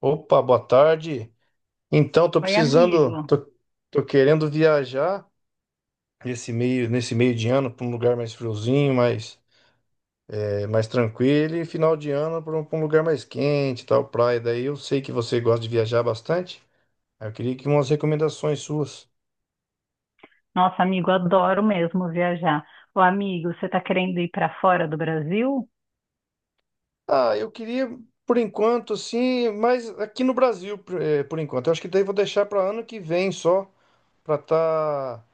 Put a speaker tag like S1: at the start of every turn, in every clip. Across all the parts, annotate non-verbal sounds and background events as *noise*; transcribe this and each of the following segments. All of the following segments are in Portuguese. S1: Opa, boa tarde. Tô
S2: Oi, amigo.
S1: precisando, tô querendo viajar nesse meio de ano para um lugar mais friozinho, mais tranquilo, e final de ano pra um lugar mais quente, tal, praia. Daí eu sei que você gosta de viajar bastante. Aí eu queria que umas recomendações suas.
S2: Nossa, amigo, adoro mesmo viajar. Ô, amigo, você tá querendo ir para fora do Brasil?
S1: Ah, eu queria, por enquanto, assim, mas aqui no Brasil, por enquanto. Eu acho que daí eu vou deixar para ano que vem só, para estar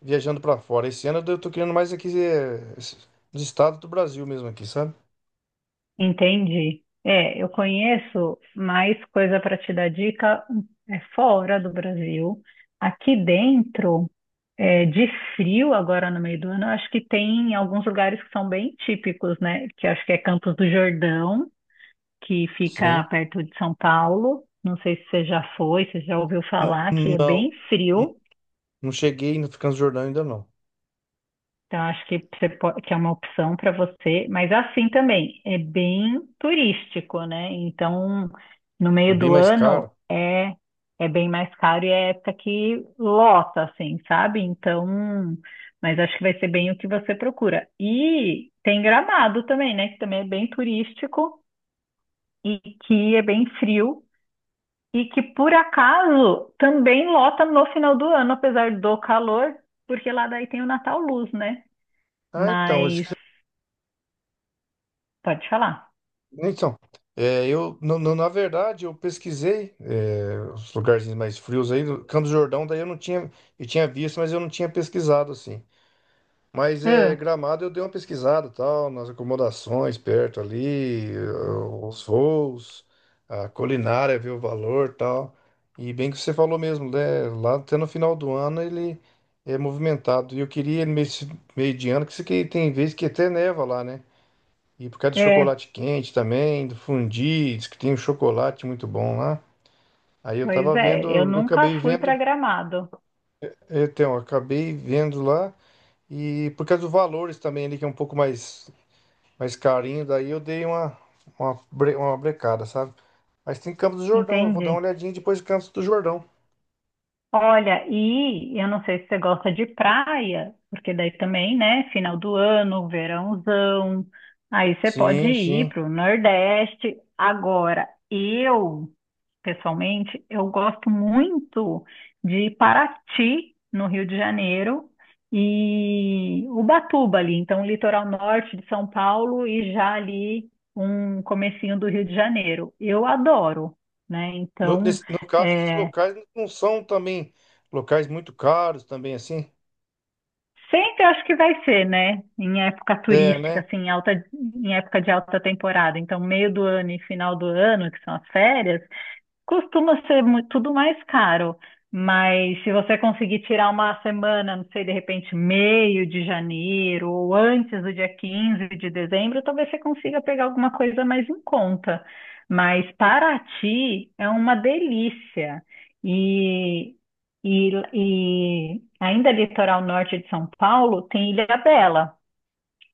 S1: viajando pra fora. Esse ano eu tô querendo mais aqui nos estados do Brasil mesmo aqui, sabe?
S2: Entendi. É, eu conheço mais coisa para te dar dica é fora do Brasil. Aqui dentro, é, de frio agora no meio do ano, eu acho que tem alguns lugares que são bem típicos, né? Que eu acho que é Campos do Jordão, que fica
S1: Sim.
S2: perto de São Paulo. Não sei se você já foi, se você já ouviu
S1: N-
S2: falar, que é
S1: Não,
S2: bem
S1: n-
S2: frio.
S1: não cheguei no Transjordânia ainda não.
S2: Então, acho que, você pode, que é uma opção para você, mas assim também, é bem turístico, né? Então, no
S1: Foi
S2: meio
S1: bem
S2: do
S1: mais caro.
S2: ano é, é bem mais caro e é época que lota, assim, sabe? Então, mas acho que vai ser bem o que você procura. E tem Gramado também, né? Que também é bem turístico e que é bem frio e que, por acaso, também lota no final do ano, apesar do calor, porque lá daí tem o Natal Luz, né?
S1: Ah, então,
S2: Mas Pode falar.
S1: então, eu na verdade eu pesquisei, é, os lugarzinhos mais frios aí, do Campos do Jordão, daí eu não tinha, eu tinha visto, mas eu não tinha pesquisado assim. Mas é,
S2: Ah,
S1: Gramado eu dei uma pesquisada, tal, nas acomodações perto ali, os voos, a culinária, ver o valor, tal. E bem que você falou mesmo, né? Lá até no final do ano ele é movimentado. E eu queria ele meio de ano, que isso aqui tem vezes que até neva lá, né? E por causa do
S2: é,
S1: chocolate quente também, do fundi, diz que tem um chocolate muito bom lá. Aí eu
S2: pois
S1: tava vendo,
S2: é, eu
S1: eu
S2: nunca
S1: acabei
S2: fui
S1: vendo,
S2: para Gramado.
S1: então, eu acabei vendo lá. E por causa dos valores também ali, que é um pouco mais carinho, daí eu dei uma brecada, sabe? Mas tem Campos do Jordão, eu vou dar uma
S2: Entendi.
S1: olhadinha depois de Campos do Jordão.
S2: Olha, e eu não sei se você gosta de praia, porque daí também, né, final do ano, verãozão, aí você pode
S1: Sim,
S2: ir
S1: sim.
S2: para o Nordeste. Agora, eu, pessoalmente, eu gosto muito de Paraty, no Rio de Janeiro, e Ubatuba ali, então litoral norte de São Paulo e já ali um comecinho do Rio de Janeiro. Eu adoro, né, então...
S1: No caso, esses
S2: eh,
S1: locais não são também locais muito caros também, assim.
S2: Sempre acho que vai ser, né? Em época
S1: É,
S2: turística,
S1: né?
S2: assim, em alta, em época de alta temporada. Então, meio do ano e final do ano, que são as férias, costuma ser tudo mais caro, mas se você conseguir tirar uma semana, não sei, de repente meio de janeiro ou antes do dia 15 de dezembro, talvez você consiga pegar alguma coisa mais em conta. Mas Paraty é uma delícia. E, e ainda litoral norte de São Paulo tem Ilha Bela,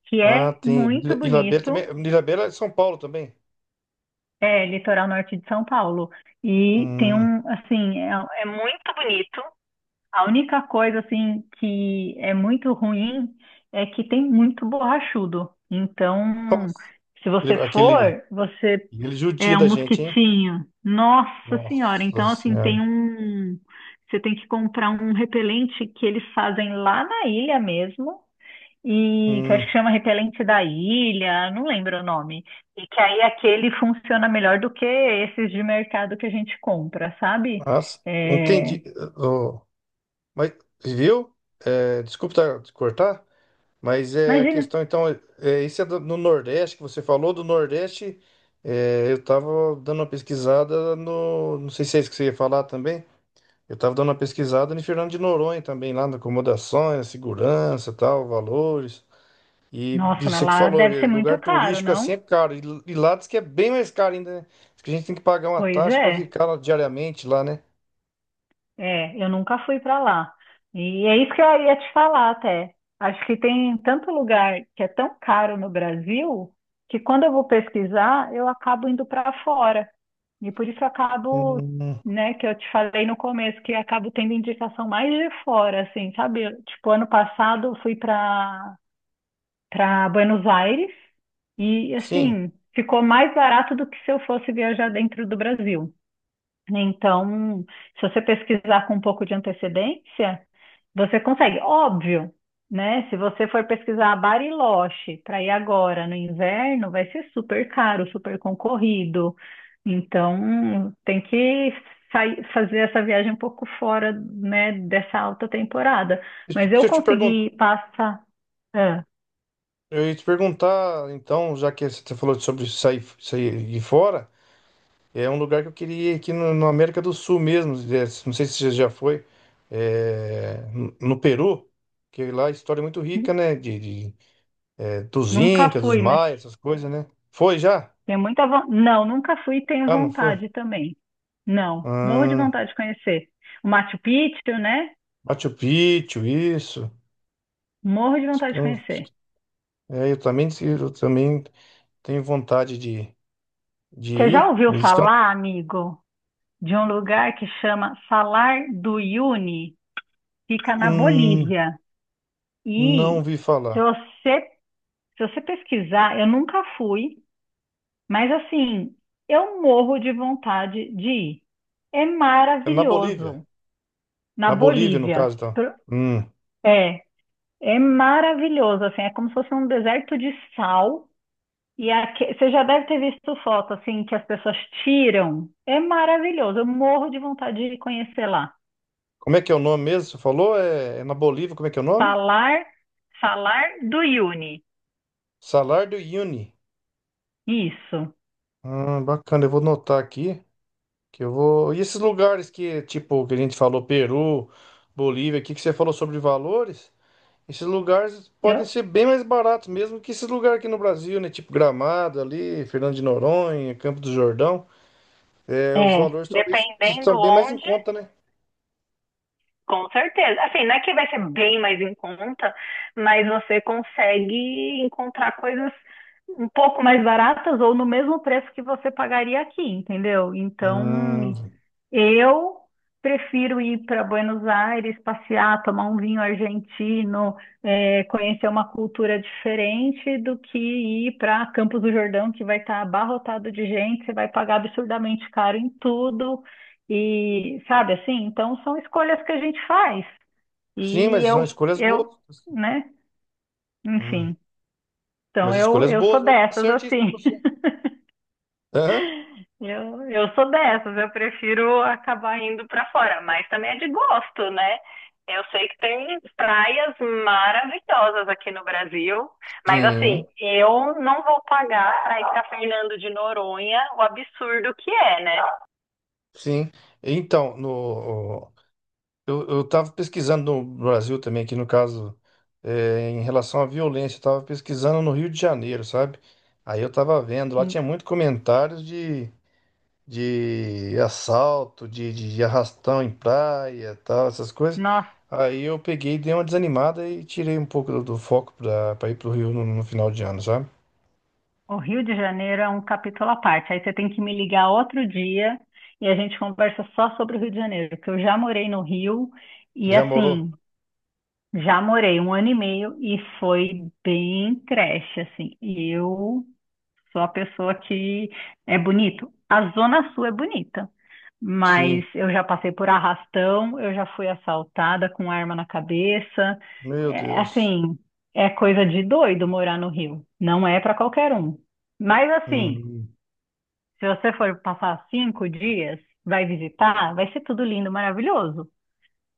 S2: que
S1: Ah,
S2: é
S1: tem.
S2: muito
S1: Ilhabela também.
S2: bonito.
S1: Ilhabela é de São Paulo também.
S2: É, litoral norte de São Paulo. E tem
S1: Hum,
S2: um, assim, é, é muito bonito. A única coisa, assim, que é muito ruim é que tem muito borrachudo. Então,
S1: nossa.
S2: se você
S1: Ele- Aquele,
S2: for, você
S1: aquele judia
S2: é um
S1: da gente, hein?
S2: mosquitinho. Nossa Senhora!
S1: Nossa
S2: Então, assim, tem
S1: senhora.
S2: um. Você tem que comprar um repelente que eles fazem lá na ilha mesmo e que eu acho que
S1: Hum,
S2: chama Repelente da Ilha, não lembro o nome. E que aí aquele funciona melhor do que esses de mercado que a gente compra, sabe?
S1: nossa,
S2: É,
S1: entendi. Ô, mas, viu? É, desculpa te cortar, mas é a
S2: imagina.
S1: questão, então, é, no Nordeste, que você falou do Nordeste, é, eu tava dando uma pesquisada no, não sei se é isso que você ia falar também, eu tava dando uma pesquisada em Fernando de Noronha também, lá na acomodações, segurança, tal, valores, e
S2: Nossa, mas
S1: você que
S2: lá
S1: falou,
S2: deve
S1: é,
S2: ser muito
S1: lugar
S2: caro,
S1: turístico assim é
S2: não?
S1: caro, e lá diz que é bem mais caro ainda, né? Diz que a gente tem que pagar uma
S2: Pois
S1: taxa para
S2: é.
S1: ficar lá diariamente lá, né?
S2: É, eu nunca fui para lá. E é isso que eu ia te falar até. Acho que tem tanto lugar que é tão caro no Brasil que quando eu vou pesquisar, eu acabo indo para fora. E por isso eu acabo,
S1: Hum,
S2: né, que eu te falei no começo, que eu acabo tendo indicação mais de fora, assim, sabe? Eu, tipo, ano passado eu fui para Buenos Aires e,
S1: sim.
S2: assim, ficou mais barato do que se eu fosse viajar dentro do Brasil. Então, se você pesquisar com um pouco de antecedência, você consegue. Óbvio, né? Se você for pesquisar Bariloche para ir agora no inverno, vai ser super caro, super concorrido. Então, tem que fazer essa viagem um pouco fora, né, dessa alta temporada. Mas eu
S1: Deixa eu te perguntar.
S2: consegui passar. ah,
S1: Eu ia te perguntar, então, já que você falou sobre sair, sair de fora, é um lugar que eu queria ir aqui no América do Sul mesmo. É, não sei se você já foi, é, no Peru, que lá a história é muito rica, né? De- dos
S2: Nunca
S1: Incas, dos
S2: fui, mas.
S1: Maias, essas coisas, né? Foi já?
S2: Tenho muita vontade. Não, nunca fui e tenho
S1: Ah, não foi?
S2: vontade também. Não, morro de
S1: Hum,
S2: vontade de conhecer. O Machu Picchu, né?
S1: Machu Picchu, isso.
S2: Morro de vontade de
S1: Eu-
S2: conhecer.
S1: É, eu também tenho vontade de
S2: Você já
S1: ir.
S2: ouviu
S1: Isso que eu.
S2: falar, amigo, de um lugar que chama Salar do Uyuni? Fica na
S1: Hum,
S2: Bolívia.
S1: não
S2: E
S1: vi
S2: se
S1: falar.
S2: você, se você pesquisar, eu nunca fui, mas assim, eu morro de vontade de ir. É
S1: É na Bolívia.
S2: maravilhoso. Na
S1: Na Bolívia, no
S2: Bolívia.
S1: caso, então. Hum.
S2: É. É maravilhoso, assim, é como se fosse um deserto de sal. E você já deve ter visto foto, assim, que as pessoas tiram. É maravilhoso, eu morro de vontade de conhecer lá.
S1: Como é que é o nome mesmo? Você falou? É, é na Bolívia, como é que é o nome?
S2: Falar, falar do Yuni.
S1: Salar do Uyuni.
S2: Isso.
S1: Bacana, eu vou notar aqui. Que eu vou... E esses lugares que, tipo, que a gente falou, Peru, Bolívia, aqui que você falou sobre valores, esses lugares podem
S2: Eu,
S1: ser bem mais baratos mesmo que esses lugares aqui no Brasil, né? Tipo Gramado ali, Fernando de Noronha, Campo do Jordão. É, os
S2: é,
S1: valores talvez
S2: dependendo
S1: estão bem mais em
S2: onde,
S1: conta, né?
S2: com certeza. Assim, não é que vai ser bem mais em conta, mas você consegue encontrar coisas um pouco mais baratas ou no mesmo preço que você pagaria aqui, entendeu? Então,
S1: Hum,
S2: eu prefiro ir para Buenos Aires, passear, tomar um vinho argentino, é, conhecer uma cultura diferente do que ir para Campos do Jordão, que vai estar abarrotado de gente, você vai pagar absurdamente caro em tudo. E sabe assim? Então são escolhas que a gente faz.
S1: sim,
S2: E
S1: mas são
S2: eu,
S1: escolhas boas.
S2: eu, né?
S1: Uhum.
S2: Enfim. Então
S1: Mas
S2: eu,
S1: escolhas
S2: eu sou
S1: boas, mesmo. Tá
S2: dessas
S1: certíssimo
S2: assim.
S1: você. Hã?
S2: Eu sou dessas, eu prefiro acabar indo pra fora, mas também é de gosto, né? Eu sei que tem praias maravilhosas aqui no Brasil, mas assim,
S1: Sim,
S2: eu não vou pagar para ir pra Fernando de Noronha o absurdo que é, né?
S1: sim. Então, no, eu estava pesquisando no Brasil também, aqui no caso, é, em relação à violência, eu estava pesquisando no Rio de Janeiro, sabe? Aí eu estava vendo, lá
S2: N-
S1: tinha muito comentários de assalto, de arrastão em praia, tal, essas coisas.
S2: Nossa,
S1: Aí eu peguei, dei uma desanimada e tirei um pouco do foco para ir para o Rio no final de ano, sabe?
S2: o Rio de Janeiro é um capítulo à parte. Aí você tem que me ligar outro dia e a gente conversa só sobre o Rio de Janeiro, porque eu já morei no Rio
S1: Você
S2: e
S1: já morou?
S2: assim, já morei um ano e meio e foi bem creche, assim. E eu sou a pessoa que é bonito. A Zona Sul é bonita, mas
S1: Sim.
S2: eu já passei por arrastão, eu já fui assaltada com arma na cabeça.
S1: Meu
S2: É,
S1: Deus.
S2: assim, é coisa de doido morar no Rio. Não é para qualquer um. Mas assim,
S1: Hum,
S2: se você for passar 5 dias, vai visitar, vai ser tudo lindo, maravilhoso.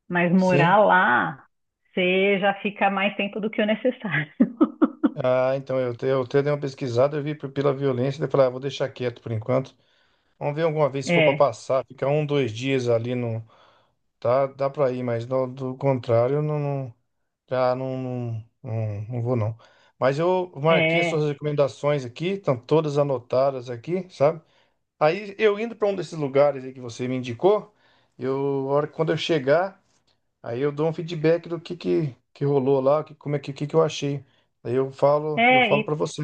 S2: Mas
S1: sim.
S2: morar lá, você já fica mais tempo do que o necessário. *laughs*
S1: Ah, então eu até dei uma pesquisada, eu vi pela violência, daí eu falei, ah, vou deixar quieto por enquanto. Vamos ver alguma vez se for para
S2: É,
S1: passar, ficar um, dois dias ali no, tá, dá para ir, mas do contrário, eu não, já não, não, não, não vou não. Mas eu marquei as suas
S2: é,
S1: recomendações aqui, estão todas anotadas aqui, sabe? Aí eu indo para um desses lugares aí que você me indicou, eu, a hora quando eu chegar, aí eu dou um feedback que rolou lá, como é que eu achei. Aí eu
S2: é.
S1: falo para você.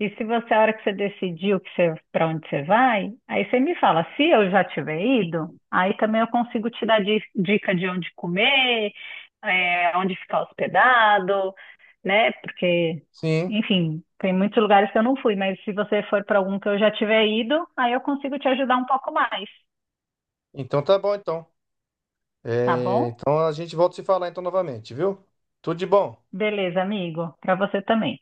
S2: E se você, a hora que você decidiu que você, para onde você vai, aí você me fala, se eu já tiver ido, aí também eu consigo te dar dica de onde comer, é, onde ficar hospedado, né? Porque,
S1: Sim.
S2: enfim, tem muitos lugares que eu não fui, mas se você for para algum que eu já tiver ido, aí eu consigo te ajudar um pouco mais,
S1: Então tá bom então.
S2: tá
S1: É,
S2: bom?
S1: então a gente volta a se falar então novamente, viu? Tudo de bom.
S2: Beleza, amigo. Para você também.